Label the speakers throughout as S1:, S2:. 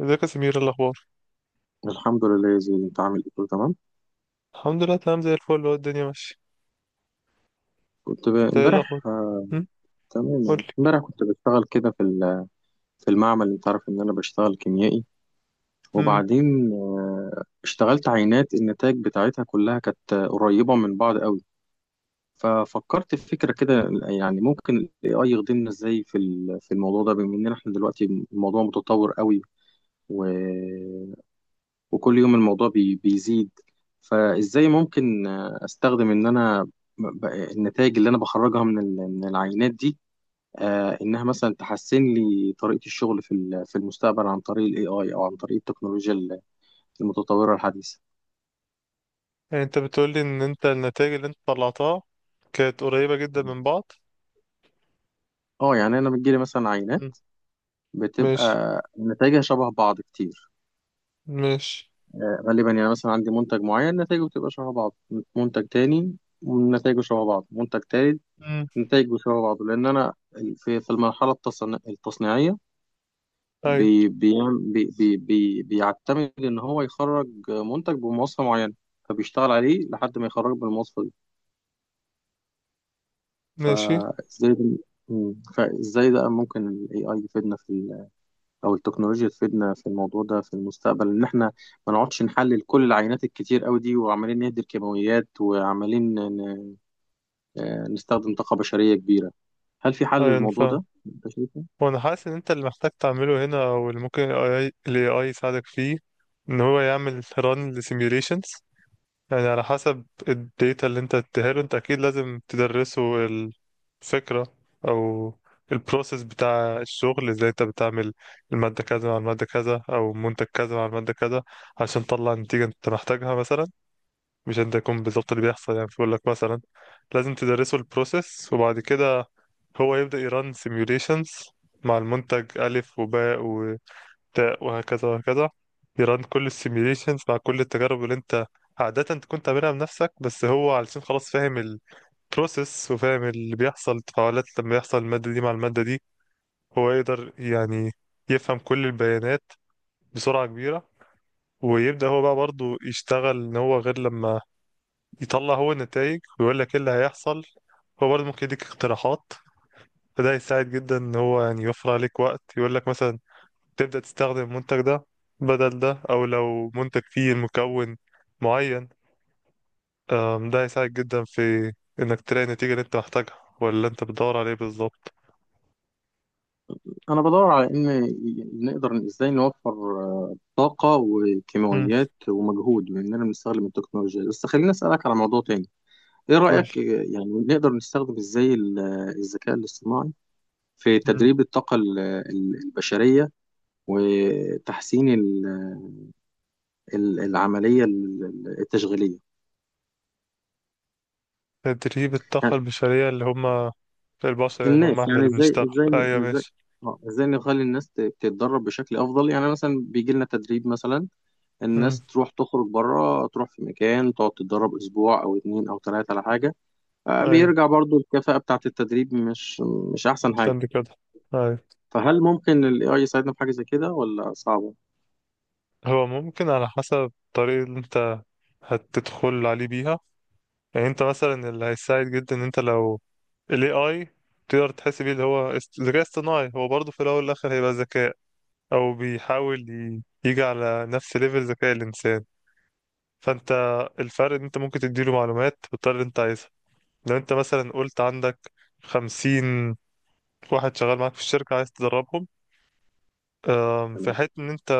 S1: ازيك يا سمير؟ إيه الاخبار؟
S2: الحمد لله يا زين، انت عامل ايه؟ كله تمام.
S1: الحمد لله، تمام زي الفل. هو الدنيا ماشيه؟ انت ايه الاخبار؟
S2: امبارح.
S1: هم.
S2: تمام
S1: قول
S2: يعني.
S1: لي.
S2: امبارح كنت بشتغل كده في المعمل. انت عارف ان انا بشتغل كيميائي.
S1: هم.
S2: وبعدين اشتغلت عينات النتائج بتاعتها كلها كانت قريبة من بعض قوي. ففكرت في فكرة كده، يعني ممكن الاي اي يخدمنا ازاي في الموضوع ده، بما ان احنا دلوقتي الموضوع متطور قوي، وكل يوم الموضوع بيزيد. فازاي ممكن استخدم ان انا النتائج اللي انا بخرجها من العينات دي، انها مثلا تحسن لي طريقة الشغل في المستقبل، عن طريق الاي اي او عن طريق التكنولوجيا المتطورة الحديثة.
S1: يعني انت بتقول لي ان انت النتائج اللي انت طلعتها كانت قريبه جدا من بعض؟
S2: اه يعني انا بتجيلي مثلا عينات
S1: هم.
S2: بتبقى
S1: ماشي،
S2: نتائجها شبه بعض كتير،
S1: ماشي.
S2: غالبا. يعني مثلا عندي منتج معين نتائجه بتبقى شبه بعض، منتج تاني نتائجه شبه بعض، منتج تالت
S1: هم.
S2: نتائج بيشبه بعض، لان انا في التصنيعيه
S1: ايوه،
S2: بي بيعم- بي بي بي بيعتمد ان هو يخرج منتج بمواصفه معينه، فبيشتغل عليه لحد ما يخرجه بالمواصفه دي.
S1: ماشي.
S2: فازاي ده- فازاي ده ممكن الاي اي يفيدنا او التكنولوجيا تفيدنا في الموضوع ده في المستقبل، ان احنا ما نقعدش نحلل كل العينات الكتير قوي دي، وعمالين نهدر كيماويات، وعمالين نستخدم طاقه بشريه كبيره. هل في حل
S1: ايوه، انا
S2: للموضوع
S1: فاهم.
S2: ده انت شايف؟
S1: وانا حاسس ان انت اللي محتاج تعمله هنا او اللي ممكن ال AI يساعدك فيه ان هو يعمل ران لسيميوليشنز. يعني على حسب الداتا اللي انت اديهاله، انت اكيد لازم تدرسه الفكرة او البروسيس بتاع الشغل ازاي انت بتعمل المادة كذا مع المادة كذا او منتج كذا مع المادة كذا عشان تطلع النتيجة انت محتاجها مثلا. مش انت يكون بالظبط اللي بيحصل، يعني بيقول لك مثلا لازم تدرسه البروسيس، وبعد كده هو يبدأ يران سيميوليشنز مع المنتج ألف وباء تاء وهكذا وهكذا. يران كل السيميليشنز مع كل التجارب اللي انت عادة تكون تعملها بنفسك، بس هو علشان خلاص فاهم البروسيس وفاهم اللي بيحصل التفاعلات لما يحصل المادة دي مع المادة دي. هو يقدر يعني يفهم كل البيانات بسرعة كبيرة. ويبدأ هو بقى برضه يشتغل ان هو غير لما يطلع هو النتائج ويقول لك ايه اللي هيحصل. هو برضه ممكن يديك اقتراحات. فده هيساعد جدا ان هو يعني يوفر عليك وقت، يقول لك مثلا تبدأ تستخدم المنتج ده بدل ده، أو لو منتج فيه مكون معين. ده هيساعدك جدا في إنك تلاقي النتيجة اللي أنت محتاجها ولا أنت بتدور عليه بالظبط.
S2: انا بدور على نقدر ازاي نوفر طاقه
S1: مم.
S2: وكيماويات ومجهود، باننا بنستخدم التكنولوجيا. بس خليني اسالك على موضوع تاني. ايه
S1: قول.
S2: رايك، يعني نقدر نستخدم ازاي الذكاء الاصطناعي في
S1: مم.
S2: تدريب الطاقه البشريه، وتحسين العمليه التشغيليه؟
S1: تدريب الطاقة
S2: يعني
S1: البشرية؟ اللي هما البشر، يعني هما
S2: الناس،
S1: احنا
S2: يعني
S1: اللي بنشتغل؟ أيوة،
S2: ازاي،
S1: ماشي.
S2: ازاي نخلي تتدرب بشكل افضل. يعني مثلا بيجي لنا تدريب، مثلا
S1: مم.
S2: الناس تروح تخرج بره، تروح في مكان تقعد تتدرب اسبوع او اتنين او تلاتة على حاجة.
S1: أيوة،
S2: بيرجع برضو الكفاءة بتاعة التدريب مش احسن حاجة.
S1: عشان دي كده. أيوة.
S2: فهل ممكن ال AI يساعدنا في حاجة زي كده، ولا صعبة؟
S1: هو ممكن على حسب الطريقة اللي أنت هتدخل عليه بيها. يعني انت مثلا اللي هيساعد جدا ان انت لو ال AI تقدر تحس بيه، اللي هو ذكاء اصطناعي. هو برضه في الأول والآخر هيبقى ذكاء، أو بيحاول يجي على نفس ليفل ذكاء الإنسان. فأنت الفرق إن أنت ممكن تديله معلومات بالطريقة اللي أنت عايزها. لو أنت مثلا قلت عندك 50 واحد شغال معاك في الشركة عايز تدربهم، في
S2: تمام.
S1: حيث إن أنت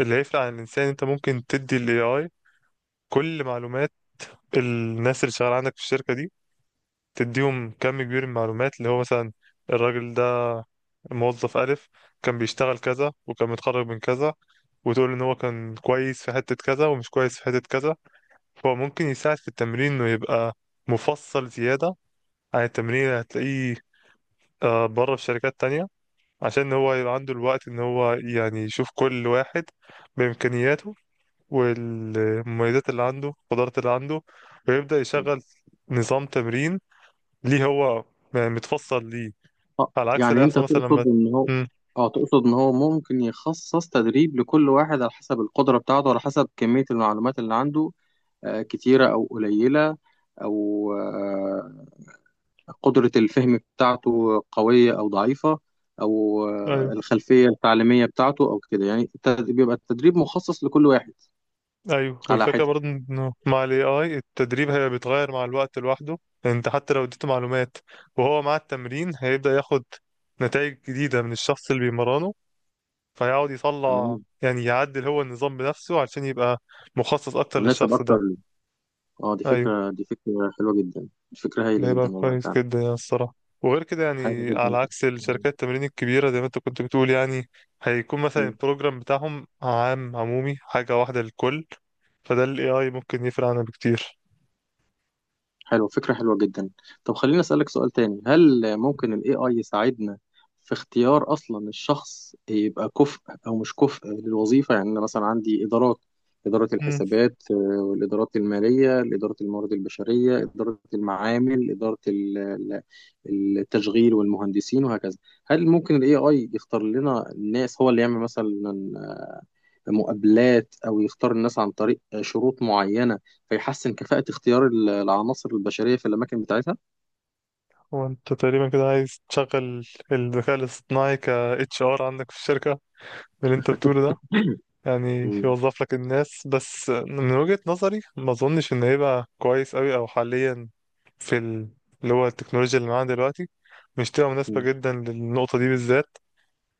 S1: اللي هيفرق عن الإنسان، أنت ممكن تدي ال AI كل معلومات الناس اللي شغالة عندك في الشركة دي. تديهم كم كبير من المعلومات اللي هو مثلا الراجل ده موظف ألف كان بيشتغل كذا وكان متخرج من كذا، وتقول إن هو كان كويس في حتة كذا ومش كويس في حتة كذا. هو ممكن يساعد في التمرين إنه يبقى مفصل زيادة عن التمرين اللي هتلاقيه بره في شركات تانية. عشان هو يبقى عنده الوقت إن هو يعني يشوف كل واحد بإمكانياته والمميزات اللي عنده القدرات اللي عنده، ويبدأ يشغل نظام تمرين ليه هو، يعني متفصل ليه، على عكس اللي
S2: يعني انت
S1: هيحصل مثلا لما.
S2: تقصد ان هو،
S1: مم.
S2: اه تقصد ان هو ممكن يخصص تدريب لكل واحد على حسب القدرة بتاعته، على حسب كمية المعلومات اللي عنده كتيرة او قليلة، او قدرة الفهم بتاعته قوية أو ضعيفة، أو
S1: ايوه،
S2: الخلفية التعليمية بتاعته أو كده. يعني بيبقى التدريب مخصص لكل واحد
S1: ايوه.
S2: على
S1: والفكره
S2: حدة.
S1: برضه انه مع الاي اي التدريب هي بيتغير مع الوقت لوحده. انت حتى لو اديته معلومات، وهو مع التمرين هيبدا ياخد نتائج جديده من الشخص اللي بيمرنه، فيقعد يطلع
S2: تمام،
S1: يعني يعدل هو النظام بنفسه عشان يبقى مخصص اكتر
S2: مناسب
S1: للشخص
S2: أكتر
S1: ده.
S2: ليه. أه، دي
S1: ايوه.
S2: فكرة، دي فكرة حلوة جدا، دي فكرة
S1: ده
S2: هايلة
S1: يبقى
S2: جدا والله
S1: كويس
S2: فعلا.
S1: جدا يعني الصراحة. وغير كده،
S2: حاجة
S1: يعني على
S2: جدا
S1: عكس الشركات التمرين الكبيرة زي ما انت كنت بتقول، يعني هيكون مثلا البروجرام بتاعهم عام عمومي، حاجة واحدة للكل. فده ال AI ممكن يفرق عنها بكتير.
S2: حلو، فكرة حلوة جدا. طب خليني أسألك سؤال تاني. هل ممكن ال AI يساعدنا في اختيار أصلا الشخص يبقى كفء أو مش كفء للوظيفة؟ يعني أنا مثلا عندي إدارات: إدارة
S1: مم.
S2: الحسابات، والإدارات المالية، إدارة الموارد البشرية، إدارة المعامل، إدارة التشغيل والمهندسين وهكذا. هل ممكن ال AI يختار لنا الناس، هو اللي يعمل مثلا مقابلات، او يختار الناس عن طريق شروط معينه، فيحسن كفاءه اختيار العناصر البشريه في الاماكن بتاعتها؟
S1: هو انت تقريبا كده عايز تشغل الذكاء الاصطناعي ك HR عندك في الشركة من اللي انت بتقوله ده؟ يعني
S2: مم.
S1: يوظف لك الناس. بس من وجهة نظري ما اظنش ان هيبقى كويس قوي او حاليا في ال... اللي هو التكنولوجيا اللي معانا دلوقتي، مش تبقى مناسبة
S2: مم.
S1: جدا للنقطة دي بالذات.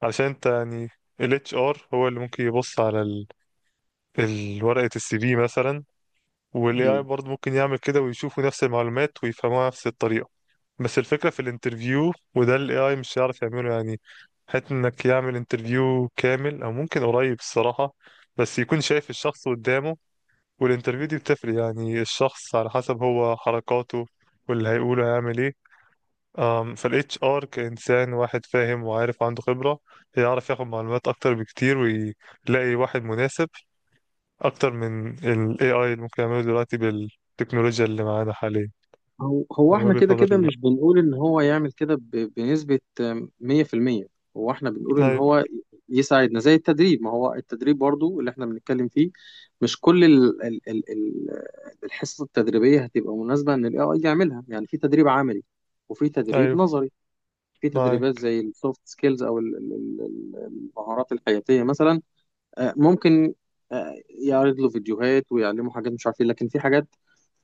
S1: علشان انت يعني ال HR هو اللي ممكن يبص على ورقة السي في مثلا، وال AI
S2: مم.
S1: برضه ممكن يعمل كده ويشوفوا نفس المعلومات ويفهموها نفس الطريقة. بس الفكرة في الانترفيو، وده ال AI مش هيعرف يعمله، يعني حتى انك يعمل انترفيو كامل او ممكن قريب الصراحة، بس يكون شايف الشخص قدامه. والانترفيو دي بتفرق، يعني الشخص على حسب هو حركاته واللي هيقوله هيعمل ايه. فال HR كإنسان واحد فاهم وعارف عنده خبرة، يعرف ياخد معلومات أكتر بكتير ويلاقي واحد مناسب أكتر من ال AI اللي ممكن يعمله دلوقتي بالتكنولوجيا اللي معانا حاليا.
S2: هو
S1: من
S2: احنا
S1: وجهة
S2: كده
S1: نظري،
S2: كده
S1: لا.
S2: مش بنقول ان هو يعمل كده بنسبه 100%. هو احنا بنقول ان
S1: أيوه.
S2: هو يساعدنا زي التدريب. ما هو التدريب برضو اللي احنا بنتكلم فيه، مش كل ال ال ال ال الحصص التدريبيه هتبقى مناسبه ان الاي اي يعملها. يعني في تدريب عملي وفي تدريب
S1: أيوه.
S2: نظري، في تدريبات
S1: معاك.
S2: زي السوفت سكيلز، او ال- المهارات الحياتيه مثلا. ممكن يعرض له فيديوهات ويعلمه حاجات مش عارف ايه. لكن في حاجات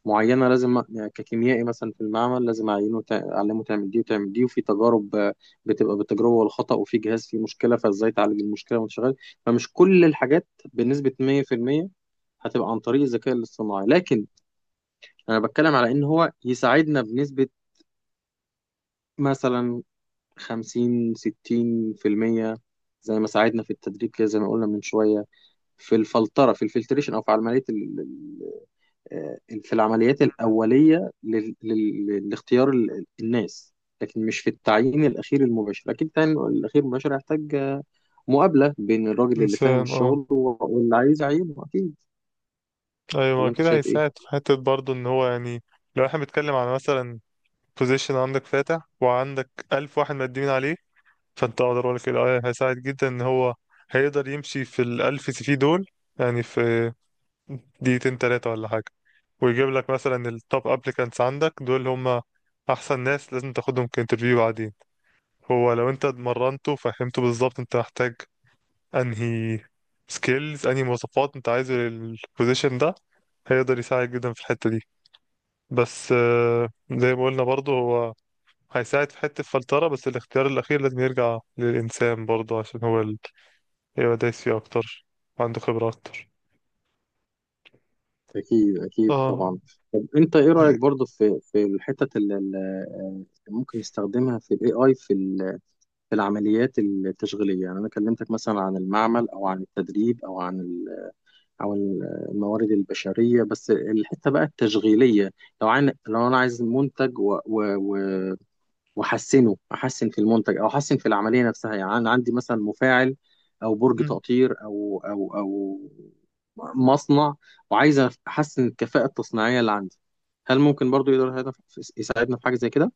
S2: معينه لازم، ككيميائي مثلا في المعمل لازم اعلمه تعمل دي وتعمل دي. وفي تجارب بتبقى بالتجربه والخطا، وفي جهاز فيه مشكله فازاي تعالج المشكله وانت شغال. فمش كل الحاجات بنسبه 100% هتبقى عن طريق الذكاء الاصطناعي، لكن انا بتكلم على ان هو يساعدنا بنسبه مثلا خمسين ستين في المية، زي ما ساعدنا في التدريب كده زي ما قلنا من شوية، في الفلترة، في الفلتريشن، أو في عملية آه، في العمليات الأولية لاختيار الناس. لكن مش في التعيين الأخير المباشر. أكيد التعيين الأخير المباشر هيحتاج مقابلة بين الراجل اللي فاهم
S1: انسان، اه.
S2: الشغل واللي عايز يعينه أكيد.
S1: ايوه، ما
S2: ولا أنت
S1: كده
S2: شايف
S1: هيساعد
S2: إيه؟
S1: في حته برضه ان هو يعني لو احنا بنتكلم على مثلا بوزيشن عندك فاتح وعندك 1000 واحد مقدمين عليه، فانت اقدر اقول لك كده هيساعد جدا ان هو هيقدر يمشي في الالف سي في دول يعني في دقيقتين تلاتة ولا حاجه، ويجيب لك مثلا التوب ابليكانتس عندك. دول هم احسن ناس لازم تاخدهم كانترفيو بعدين. هو لو انت اتمرنته فهمته بالظبط انت محتاج انهي سكيلز انهي مواصفات انت عايزه للبوزيشن ده، هيقدر يساعد جدا في الحتة دي. بس زي ما قلنا برضه هو هيساعد في حتة الفلترة، بس الاختيار الأخير لازم يرجع للإنسان برضه عشان هو اللي يبقى دايس فيه أكتر وعنده خبرة أكتر.
S2: أكيد أكيد
S1: اه.
S2: طبعا. طب أنت إيه رأيك
S1: هي-
S2: برضو في الحتة اللي ممكن نستخدمها في ال AI في العمليات التشغيلية؟ يعني أنا كلمتك مثلا عن المعمل، أو عن التدريب، أو عن ال- أو ال- الموارد البشرية. بس الحتة بقى التشغيلية، لو لو أنا عايز منتج، وأحسنه، أحسن في المنتج أو أحسن في العملية نفسها. يعني أنا عندي مثلا مفاعل، أو برج
S1: مم.
S2: تقطير، أو مصنع، وعايز أحسن الكفاءة التصنيعية اللي عندي. هل ممكن برضو يقدر يساعدنا في حاجة زي كده؟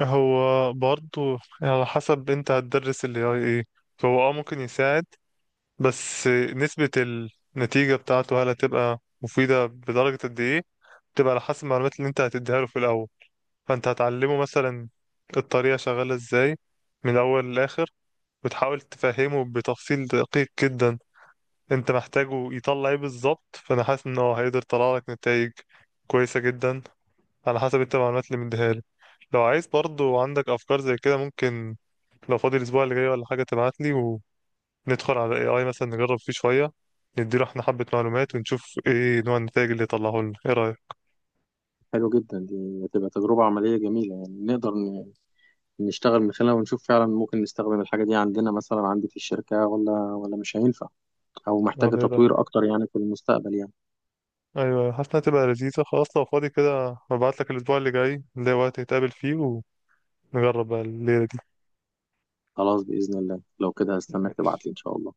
S1: هو برضه على حسب انت هتدرس ال AI ايه. هو ممكن يساعد، بس نسبة النتيجة بتاعته هل هتبقى مفيدة بدرجة قد ايه؟ تبقى على حسب المعلومات اللي انت هتديها له في الاول. فانت هتعلمه مثلا الطريقه شغاله ازاي من الاول للاخر، وتحاول تفهمه بتفصيل دقيق جدا انت محتاجه يطلع ايه بالظبط. فانا حاسس ان هو هيقدر يطلع لك نتائج كويسه جدا على حسب انت المعلومات اللي مديها له. لو عايز برضو عندك افكار زي كده، ممكن لو فاضي الاسبوع اللي جاي ولا حاجه تبعت لي وندخل على اي اي مثلا، نجرب فيه شويه، نديله احنا حبه معلومات ونشوف ايه نوع النتائج اللي يطلعه لنا. ايه رايك؟
S2: حلو جدا، دي هتبقى تجربة عملية جميلة. يعني نقدر نشتغل من خلالها ونشوف فعلا ممكن نستخدم الحاجة دي عندنا، مثلا عندي في الشركة، ولا مش هينفع، أو محتاجة
S1: هذا.
S2: تطوير أكتر يعني في المستقبل يعني.
S1: ايوه، حاسس انها تبقى لذيذة. خلاص لو فاضي كده هبعت لك الاسبوع اللي جاي نلاقي وقت نتقابل فيه ونجرب بقى الليلة دي.
S2: خلاص، بإذن الله، لو كده هستناك
S1: ماشي.
S2: تبعتلي إن شاء الله.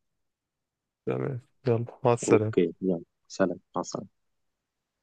S1: تمام. يلا، مع السلامة.
S2: أوكي يلا، سلام، مع السلامة.